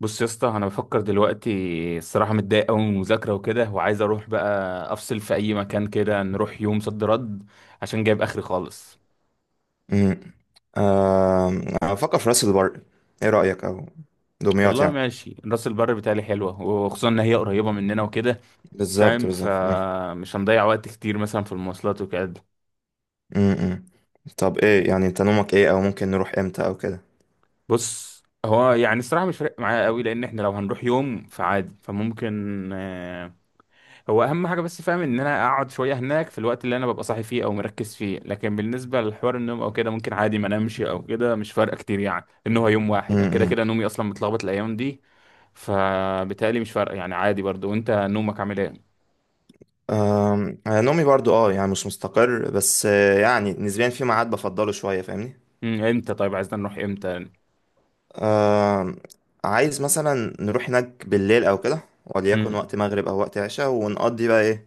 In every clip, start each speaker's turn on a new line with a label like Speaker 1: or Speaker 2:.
Speaker 1: بص يا اسطى، انا بفكر دلوقتي. الصراحه متضايق قوي من المذاكره وكده، وعايز اروح بقى افصل في اي مكان كده. نروح يوم صد رد عشان جايب اخري خالص.
Speaker 2: امم آه. افكر في راس البر، ايه رأيك، او دمياط
Speaker 1: والله
Speaker 2: يعني؟
Speaker 1: ماشي، راس البر بتاعي حلوه، وخصوصا ان هي قريبه مننا وكده.
Speaker 2: بالظبط
Speaker 1: فاهم؟
Speaker 2: بالظبط. مم.
Speaker 1: فمش هنضيع وقت كتير مثلا في المواصلات وكده.
Speaker 2: مم، مم. طب ايه يعني، انت نومك ايه، او ممكن نروح امتى او كده؟
Speaker 1: بص، هو يعني الصراحه مش فارق معايا قوي، لان احنا لو هنروح يوم فعادي، فممكن هو اهم حاجه. بس فاهم ان انا اقعد شويه هناك في الوقت اللي انا ببقى صاحي فيه او مركز فيه، لكن بالنسبه لحوار النوم او كده ممكن عادي ما انامش او كده، مش فارقه كتير يعني. ان هو يوم واحد، انا كده
Speaker 2: امم.
Speaker 1: كده نومي اصلا متلخبط الايام دي، فبالتالي مش فارقه يعني، عادي برضو. وانت نومك عامل ايه؟
Speaker 2: أنا نومي برضو يعني مش مستقر، بس يعني نسبيا في ميعاد بفضله شوية، فاهمني؟
Speaker 1: امتى؟ طيب عايزنا نروح امتى؟
Speaker 2: آم، عايز مثلا نروح هناك بالليل او كده، وليكن
Speaker 1: امم
Speaker 2: وقت مغرب او وقت عشاء، ونقضي بقى ايه،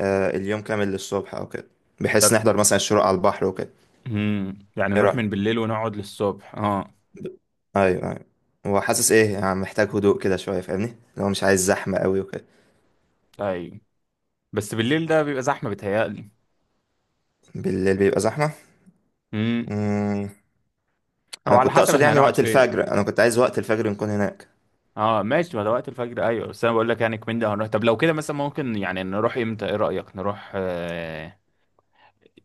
Speaker 2: اليوم كامل للصبح او كده، بحيث نحضر مثلا الشروق على البحر وكده.
Speaker 1: يعني نروح
Speaker 2: ايه،
Speaker 1: من بالليل ونقعد للصبح، اه.
Speaker 2: ايوه ايوه. هو حاسس ايه، يعني محتاج هدوء كده شويه، فاهمني؟ لو مش عايز زحمه قوي وكده.
Speaker 1: طيب، بس بالليل ده بيبقى زحمه بيتهيألي.
Speaker 2: بالليل بيبقى زحمه.
Speaker 1: امم.
Speaker 2: امم.
Speaker 1: او
Speaker 2: انا
Speaker 1: على
Speaker 2: كنت
Speaker 1: حسب
Speaker 2: اقصد
Speaker 1: احنا
Speaker 2: يعني
Speaker 1: هنقعد
Speaker 2: وقت
Speaker 1: فين.
Speaker 2: الفجر، انا كنت عايز وقت الفجر نكون هناك.
Speaker 1: اه ماشي، ما ده وقت الفجر ايوه، بس انا بقول لك يعني كمان ده هنروح. طب لو كده مثلا ممكن يعني نروح امتى؟ ايه رأيك؟ نروح آه...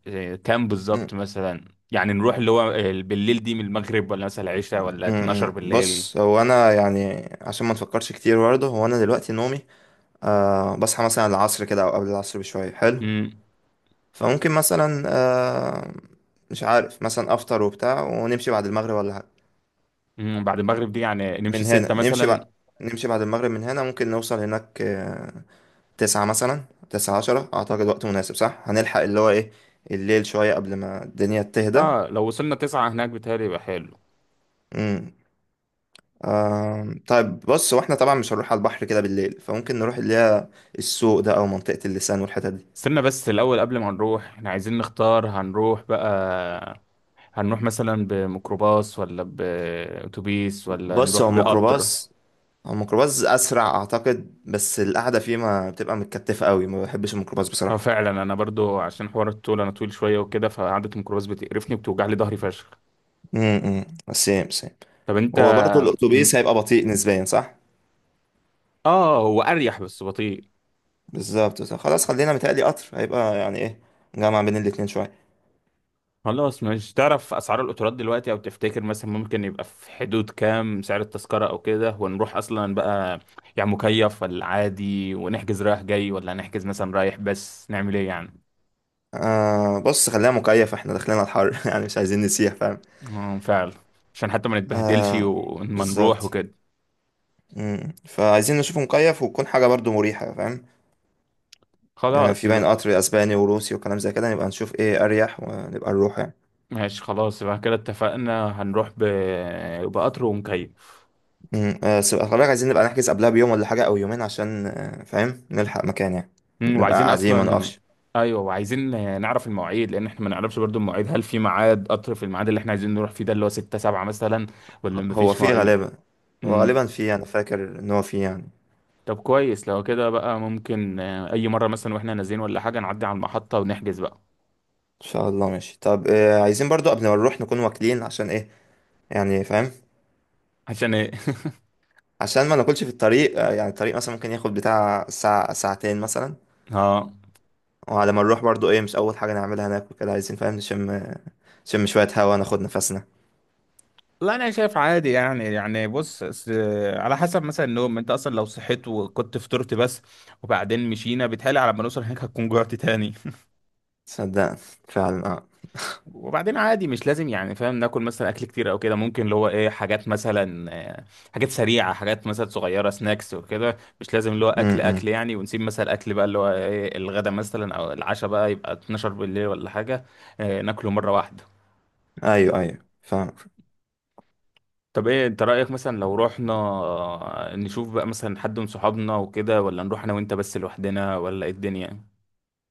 Speaker 1: آه... كام
Speaker 2: مم.
Speaker 1: بالظبط مثلا؟ يعني نروح اللي هو بالليل دي من المغرب ولا مثلا العشاء ولا 12
Speaker 2: مم.
Speaker 1: بالليل؟
Speaker 2: بص هو انا يعني عشان ما نفكرش كتير برضه، هو انا دلوقتي نومي أه بصحى مثلا العصر كده او قبل العصر بشويه، حلو.
Speaker 1: امم.
Speaker 2: فممكن مثلا مش عارف، مثلا افطر وبتاع ونمشي بعد المغرب ولا حاجه.
Speaker 1: بعد المغرب دي يعني نمشي
Speaker 2: من
Speaker 1: 6
Speaker 2: هنا نمشي
Speaker 1: مثلا.
Speaker 2: بقى، نمشي بعد المغرب من هنا ممكن نوصل هناك 9 مثلا. تسعة عشرة أعتقد وقت مناسب، صح؟ هنلحق اللي هو إيه، الليل شوية قبل ما الدنيا تهدى.
Speaker 1: اه لو وصلنا 9 هناك بيتهيألي يبقى حلو.
Speaker 2: امم. طيب بص، هو احنا طبعا مش هنروح على البحر كده بالليل، فممكن نروح اللي هي السوق ده، أو منطقة اللسان والحتت دي.
Speaker 1: استنى بس الأول، قبل ما نروح احنا عايزين نختار هنروح بقى. هنروح مثلا بميكروباص، ولا بأتوبيس، ولا
Speaker 2: بص هو
Speaker 1: نروح بقطر؟
Speaker 2: الميكروباص، هو الميكروباص أسرع أعتقد، بس القعدة فيه ما بتبقى متكتفة قوي، ما بحبش الميكروباص
Speaker 1: اه
Speaker 2: بصراحة.
Speaker 1: فعلا، انا برضو عشان حوار الطول انا طويل شويه وكده، فقعده الميكروباص بتقرفني وبتوجع لي ظهري فشخ.
Speaker 2: امم. سيم سيم.
Speaker 1: طب انت؟
Speaker 2: هو برضه الأتوبيس
Speaker 1: مم.
Speaker 2: هيبقى بطيء نسبيا، صح؟
Speaker 1: اه، هو اريح بس بطيء.
Speaker 2: بالظبط صح. خلاص خلينا، متهيألي قطر هيبقى يعني إيه، جامع بين الاتنين شوية.
Speaker 1: خلاص. مش تعرف اسعار القطارات دلوقتي، او تفتكر مثلا ممكن يبقى في حدود كام سعر التذكره او كده، ونروح اصلا بقى؟ يعني مكيف ولا عادي، ونحجز رايح جاي ولا هنحجز مثلا رايح بس؟ نعمل ايه يعني؟
Speaker 2: آه بص خلينا مكيف، احنا داخلين على الحر يعني مش عايزين نسيح، فاهم؟
Speaker 1: اه فعلا، عشان حتى ما نتبهدلش
Speaker 2: آه
Speaker 1: وما نروح
Speaker 2: بالظبط.
Speaker 1: وكده.
Speaker 2: مم. فعايزين نشوف مكيف، وتكون حاجة برضو مريحة، فاهم؟ يعني
Speaker 1: خلاص
Speaker 2: في باين
Speaker 1: يبقى.
Speaker 2: قطر اسباني وروسي وكلام زي كده، نبقى نشوف ايه اريح ونبقى نروح يعني.
Speaker 1: ماشي، خلاص يبقى كده، اتفقنا هنروح بقطر ومكيف.
Speaker 2: مم. آه بس خلي بالك، عايزين نبقى نحجز قبلها بيوم ولا حاجة، او يومين، عشان فاهم نلحق مكان يعني، نبقى
Speaker 1: وعايزين
Speaker 2: قاعدين ما
Speaker 1: اصلا.
Speaker 2: نقفش.
Speaker 1: ايوه، وعايزين نعرف المواعيد، لان احنا ما نعرفش برضو المواعيد. هل في ميعاد قطر في الميعاد اللي احنا عايزين نروح فيه، ده اللي هو 6 7 مثلا، ولا
Speaker 2: هو
Speaker 1: مفيش
Speaker 2: فيه
Speaker 1: مواعيد؟
Speaker 2: غالبا، هو غالبا
Speaker 1: مم.
Speaker 2: فيه، انا فاكر ان هو فيه يعني.
Speaker 1: طب كويس. لو كده بقى ممكن اي مره مثلا واحنا نازلين ولا حاجه نعدي على المحطه ونحجز بقى.
Speaker 2: ان شاء الله ماشي. طب آه عايزين برضو قبل ما نروح نكون واكلين، عشان ايه يعني، فاهم؟
Speaker 1: عشان ايه؟
Speaker 2: عشان ما ناكلش في الطريق، يعني الطريق مثلا ممكن ياخد بتاع 1 أو 2 ساعة مثلا.
Speaker 1: اه،
Speaker 2: وعلى ما نروح برضو ايه، مش اول حاجة نعملها ناكل كده، عايزين فاهم نشم، نشم شوية هوا، ناخد نفسنا.
Speaker 1: لا انا شايف عادي يعني. بص على حسب مثلا النوم. انت اصلا لو صحيت وكنت فطرت بس وبعدين مشينا، بيتهيألي على ما نوصل هناك هتكون جوعت تاني.
Speaker 2: صدق، فعلا اه.
Speaker 1: وبعدين عادي مش لازم يعني فاهم ناكل مثلا اكل كتير او كده. ممكن اللي هو ايه، حاجات مثلا آه، حاجات سريعه، حاجات مثلا صغيره، سناكس وكده. مش لازم اللي هو اكل
Speaker 2: امم. إمم.
Speaker 1: اكل يعني. ونسيب مثلا اكل بقى اللي هو ايه الغدا مثلا او العشاء بقى يبقى 12 بالليل ولا حاجه، ناكله مره واحده.
Speaker 2: ايوه ايوه فاهم.
Speaker 1: طب ايه انت رأيك مثلا لو رحنا نشوف بقى مثلا حد من صحابنا وكده، ولا نروح انا وانت بس لوحدنا، ولا ايه الدنيا؟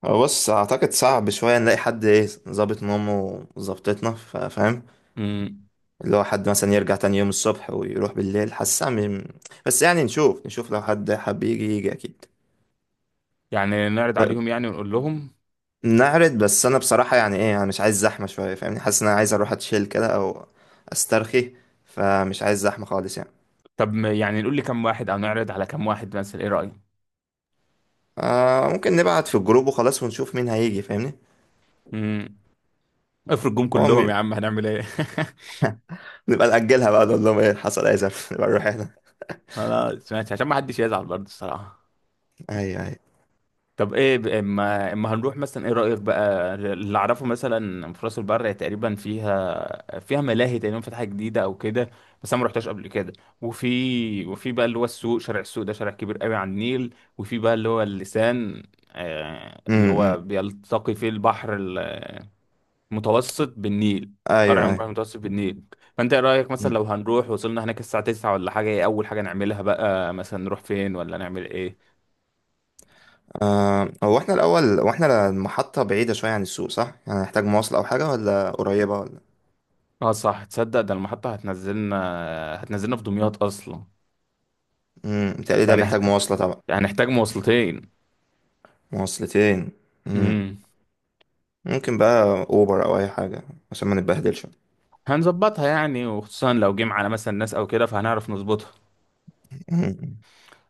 Speaker 2: هو بص اعتقد صعب شوية نلاقي حد ايه ظابط نومه وظبطتنا، فاهم؟
Speaker 1: امم.
Speaker 2: اللي هو حد مثلا يرجع تاني يوم الصبح ويروح بالليل، حاسس بس يعني نشوف، نشوف لو حد حب يجي يجي، اكيد.
Speaker 1: يعني نعرض
Speaker 2: ب-
Speaker 1: عليهم يعني ونقول لهم.
Speaker 2: نعرض، بس انا بصراحه يعني ايه، انا مش عايز زحمه شويه، فاهمني؟ حاسس ان انا عايز اروح اتشيل كده او استرخي، فمش عايز زحمه خالص يعني.
Speaker 1: طب يعني نقول لكم واحد او نعرض على كم واحد مثلا؟ ايه رأيك؟
Speaker 2: آه ممكن نبعت في الجروب وخلاص، ونشوف مين هيجي، فاهمني؟
Speaker 1: امم. افرض جم
Speaker 2: هو م...
Speaker 1: كلهم يا عم، هنعمل ايه؟
Speaker 2: نبقى نأجلها بقى، نقول لهم ايه حصل اي زف نبقى نروح احنا.
Speaker 1: خلاص ماشي، عشان ما حدش يزعل برضه الصراحة.
Speaker 2: ايوه ايوه.
Speaker 1: طب ايه اما اما هنروح مثلا ايه رأيك بقى؟ اللي اعرفه مثلا في راس البر تقريبا فيها ملاهي تقريبا فاتحة جديدة او كده، بس انا ما رحتهاش قبل كده. وفي بقى اللي هو السوق، شارع السوق ده شارع كبير قوي على النيل. وفي بقى اللي هو اللسان، اللي هو
Speaker 2: امم.
Speaker 1: بيلتقي فيه البحر المتوسط بالنيل،
Speaker 2: ايوه
Speaker 1: فرع من البحر
Speaker 2: ايوه.
Speaker 1: المتوسط بالنيل. فانت ايه رأيك مثلا؟
Speaker 2: أمم.
Speaker 1: لو هنروح وصلنا هناك الساعة 9 ولا حاجة، ايه اول حاجة نعملها بقى؟ مثلا نروح فين، ولا نعمل ايه؟
Speaker 2: آه هو احنا الاول، هو احنا المحطه بعيده شويه عن السوق صح؟ يعني هنحتاج مواصله او حاجه، ولا قريبه، ولا؟
Speaker 1: اه صح، تصدق ده المحطة هتنزلنا في دمياط أصلا.
Speaker 2: بتهيألي ده
Speaker 1: يعني
Speaker 2: بيحتاج مواصله طبعا.
Speaker 1: يعني هنحتاج مواصلتين.
Speaker 2: مواصلتين.
Speaker 1: امم.
Speaker 2: ممكن بقى اوبر او اي حاجه، عشان ما نتبهدلش
Speaker 1: هنظبطها يعني، وخصوصا لو جيم على مثلا ناس أو كده فهنعرف نظبطها.
Speaker 2: مم.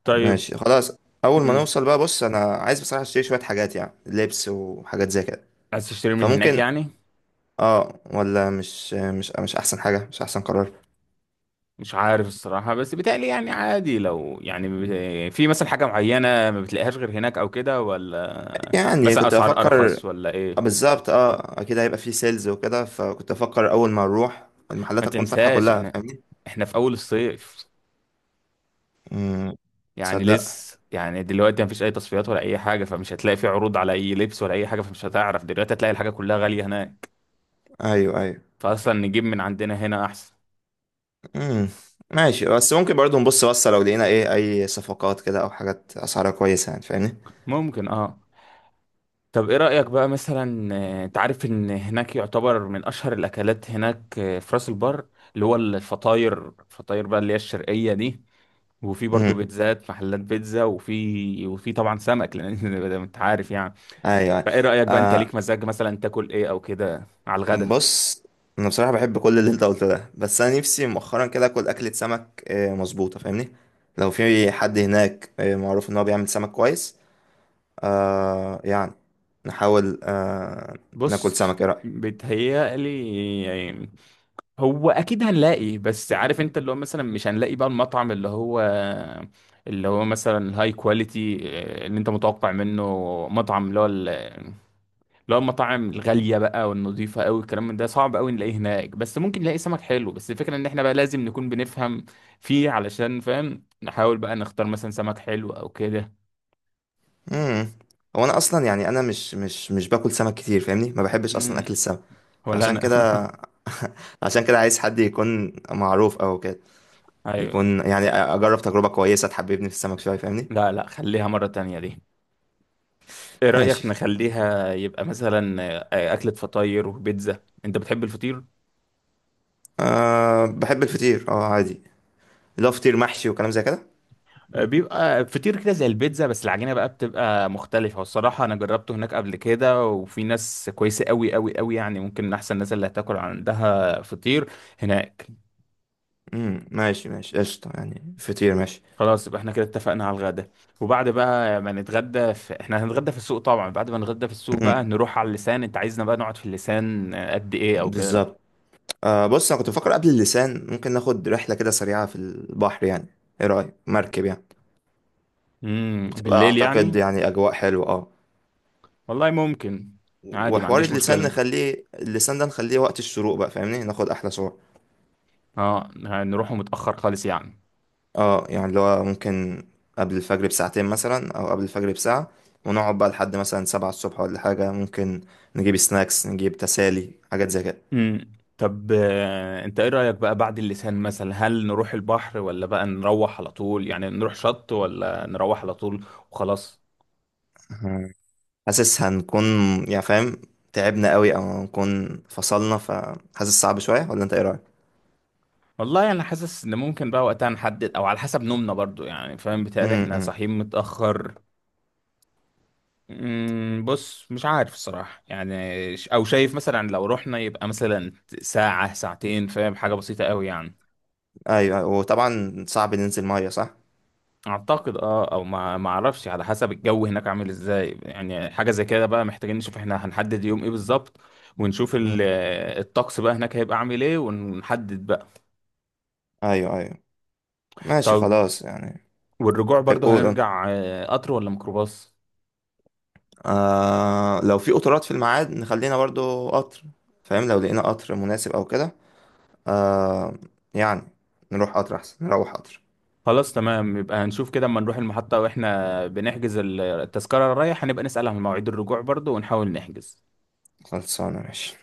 Speaker 1: طيب.
Speaker 2: ماشي خلاص. اول ما
Speaker 1: امم.
Speaker 2: نوصل بقى، بص انا عايز بصراحه اشتري شويه حاجات، يعني لبس وحاجات زي كده.
Speaker 1: عايز تشتري من هناك
Speaker 2: فممكن،
Speaker 1: يعني؟
Speaker 2: اه، ولا مش احسن حاجه، مش احسن قرار؟
Speaker 1: مش عارف الصراحة، بس بيتهيألي يعني عادي. لو يعني في مثلا حاجة معينة ما بتلاقيهاش غير هناك أو كده، ولا
Speaker 2: يعني
Speaker 1: مثلا
Speaker 2: كنت
Speaker 1: أسعار
Speaker 2: بفكر
Speaker 1: أرخص ولا إيه؟
Speaker 2: بالظبط، اه اكيد هيبقى فيه سيلز وكده، فكنت بفكر اول ما نروح
Speaker 1: ما
Speaker 2: المحلات هتكون فاتحه
Speaker 1: تنساش،
Speaker 2: كلها،
Speaker 1: إحنا
Speaker 2: فاهمني؟
Speaker 1: إحنا في أول الصيف.
Speaker 2: مم.
Speaker 1: يعني
Speaker 2: تصدق،
Speaker 1: لسه يعني دلوقتي مفيش اي تصفيات ولا اي حاجه. فمش هتلاقي في عروض على اي لبس ولا اي حاجه، فمش هتعرف. دلوقتي هتلاقي الحاجه كلها غاليه هناك،
Speaker 2: ايوه ايوه.
Speaker 1: فاصلا نجيب من عندنا هنا احسن.
Speaker 2: مم. ماشي، بس ممكن برضو نبص بصة، لو لقينا ايه اي صفقات كده، او حاجات اسعارها كويسة، يعني فاهمني.
Speaker 1: ممكن، اه. طب ايه رايك بقى مثلا انت عارف ان هناك يعتبر من اشهر الاكلات هناك في راس البر، اللي هو الفطاير بقى اللي هي الشرقيه دي. وفي برضو
Speaker 2: امم.
Speaker 1: بيتزات، محلات بيتزا. وفي طبعا سمك لان انت عارف يعني.
Speaker 2: ايوه أيوة.
Speaker 1: فايه رايك بقى؟ انت
Speaker 2: آه
Speaker 1: ليك مزاج مثلا تاكل ايه او كده على الغدا؟
Speaker 2: بص، انا بصراحه بحب كل اللي انت قلته ده، بس انا نفسي مؤخرا كده اكل اكله سمك آه مظبوطه، فاهمني؟ لو في حد هناك معروف ان هو بيعمل سمك كويس، آه يعني نحاول ناكل
Speaker 1: بص،
Speaker 2: سمك، ايه رايك؟
Speaker 1: بيتهيألي يعني هو أكيد هنلاقي. بس عارف أنت اللي هو مثلا مش هنلاقي بقى المطعم اللي هو مثلا هاي كواليتي اللي أنت متوقع منه. مطعم اللي هو اللي هو المطاعم الغالية بقى والنظيفة أوي، الكلام من ده صعب أوي نلاقيه هناك. بس ممكن نلاقي سمك حلو، بس الفكرة إن إحنا بقى لازم نكون بنفهم فيه علشان فاهم، نحاول بقى نختار مثلا سمك حلو أو كده.
Speaker 2: امم. هو انا اصلا يعني، انا مش باكل سمك كتير، فاهمني؟ ما بحبش اصلا
Speaker 1: مم.
Speaker 2: اكل السمك،
Speaker 1: ولا
Speaker 2: فعشان
Speaker 1: أنا.
Speaker 2: كده عشان كده عايز حد يكون معروف او كده،
Speaker 1: أيوه.
Speaker 2: يكون يعني اجرب تجربه كويسه تحببني في السمك شويه، فاهمني؟
Speaker 1: لا لا، خليها مرة تانية دي. ايه رأيك
Speaker 2: ماشي.
Speaker 1: نخليها يبقى مثلا أكلة فطاير وبيتزا؟ انت بتحب الفطير؟
Speaker 2: أه بحب الفطير اه عادي، لا فطير محشي وكلام زي كده.
Speaker 1: بيبقى فطير كده زي البيتزا بس العجينة بقى بتبقى مختلفة. والصراحة انا جربته هناك قبل كده، وفي ناس كويسة قوي قوي قوي يعني، ممكن من احسن الناس اللي هتاكل عندها فطير هناك.
Speaker 2: ماشي ماشي قشطة، يعني فطير ماشي.
Speaker 1: خلاص يبقى احنا كده اتفقنا على الغدا. وبعد بقى ما نتغدى احنا هنتغدى في السوق طبعا. بعد ما نتغدى في السوق، بقى
Speaker 2: امم
Speaker 1: نروح على اللسان. انت عايزنا بقى نقعد في اللسان قد ايه او كده؟
Speaker 2: بالظبط. أه بص انا كنت بفكر قبل اللسان ممكن ناخد رحلة كده سريعة في البحر يعني، ايه رأيك مركب يعني؟ بتبقى
Speaker 1: بالليل
Speaker 2: اعتقد
Speaker 1: يعني؟
Speaker 2: يعني اجواء حلوة، اه.
Speaker 1: والله، ممكن. عادي ما
Speaker 2: وحوار
Speaker 1: عنديش
Speaker 2: اللسان
Speaker 1: مشكلة.
Speaker 2: نخليه، اللسان ده نخليه وقت الشروق بقى، فاهمني؟ ناخد احلى صور.
Speaker 1: اه، هنروحوا متأخر خالص يعني.
Speaker 2: اه يعني اللي هو ممكن قبل الفجر بساعتين مثلا او قبل الفجر بساعة، ونقعد بقى لحد مثلا 7 الصبح ولا حاجة، ممكن نجيب سناكس، نجيب تسالي، حاجات زي كده.
Speaker 1: طب انت ايه رأيك بقى بعد اللسان مثلا؟ هل نروح البحر، ولا بقى نروح على طول؟ يعني نروح شط، ولا نروح على طول وخلاص؟
Speaker 2: مم. حاسس هنكون يعني فاهم تعبنا قوي، او هنكون فصلنا، فحاسس صعب شوية، ولا انت ايه رأيك؟
Speaker 1: والله، انا حاسس ان ممكن بقى وقتها نحدد، او على حسب نومنا برضو يعني. فاهم؟ بيتهيألي احنا
Speaker 2: امم
Speaker 1: صاحيين متأخر. بص مش عارف الصراحة يعني او شايف مثلا، لو رحنا يبقى مثلا ساعة ساعتين، فاهم؟ حاجة بسيطة قوي يعني.
Speaker 2: ايوه أيوة. وطبعا صعب ننزل مية صح؟
Speaker 1: اعتقد او ما اعرفش. على حسب الجو هناك عامل ازاي يعني. حاجه زي كده بقى محتاجين نشوف احنا هنحدد يوم ايه بالظبط، ونشوف
Speaker 2: مم.
Speaker 1: الطقس بقى هناك هيبقى عامل ايه، ونحدد بقى.
Speaker 2: ايوه ايوه. ماشي
Speaker 1: طب،
Speaker 2: خلاص يعني.
Speaker 1: والرجوع
Speaker 2: طيب،
Speaker 1: برضو
Speaker 2: قول قول.
Speaker 1: هنرجع قطر ولا ميكروباص؟
Speaker 2: آه لو في قطارات في الميعاد نخلينا برضو قطر، فاهم؟ لو لقينا قطر مناسب او كده، آه يعني نروح قطر أحسن، نروح قطر.
Speaker 1: خلاص تمام، يبقى هنشوف كده اما نروح المحطه واحنا بنحجز التذكره الرايح، هنبقى نسال عن مواعيد الرجوع برضو ونحاول نحجز.
Speaker 2: خلصانة ماشي.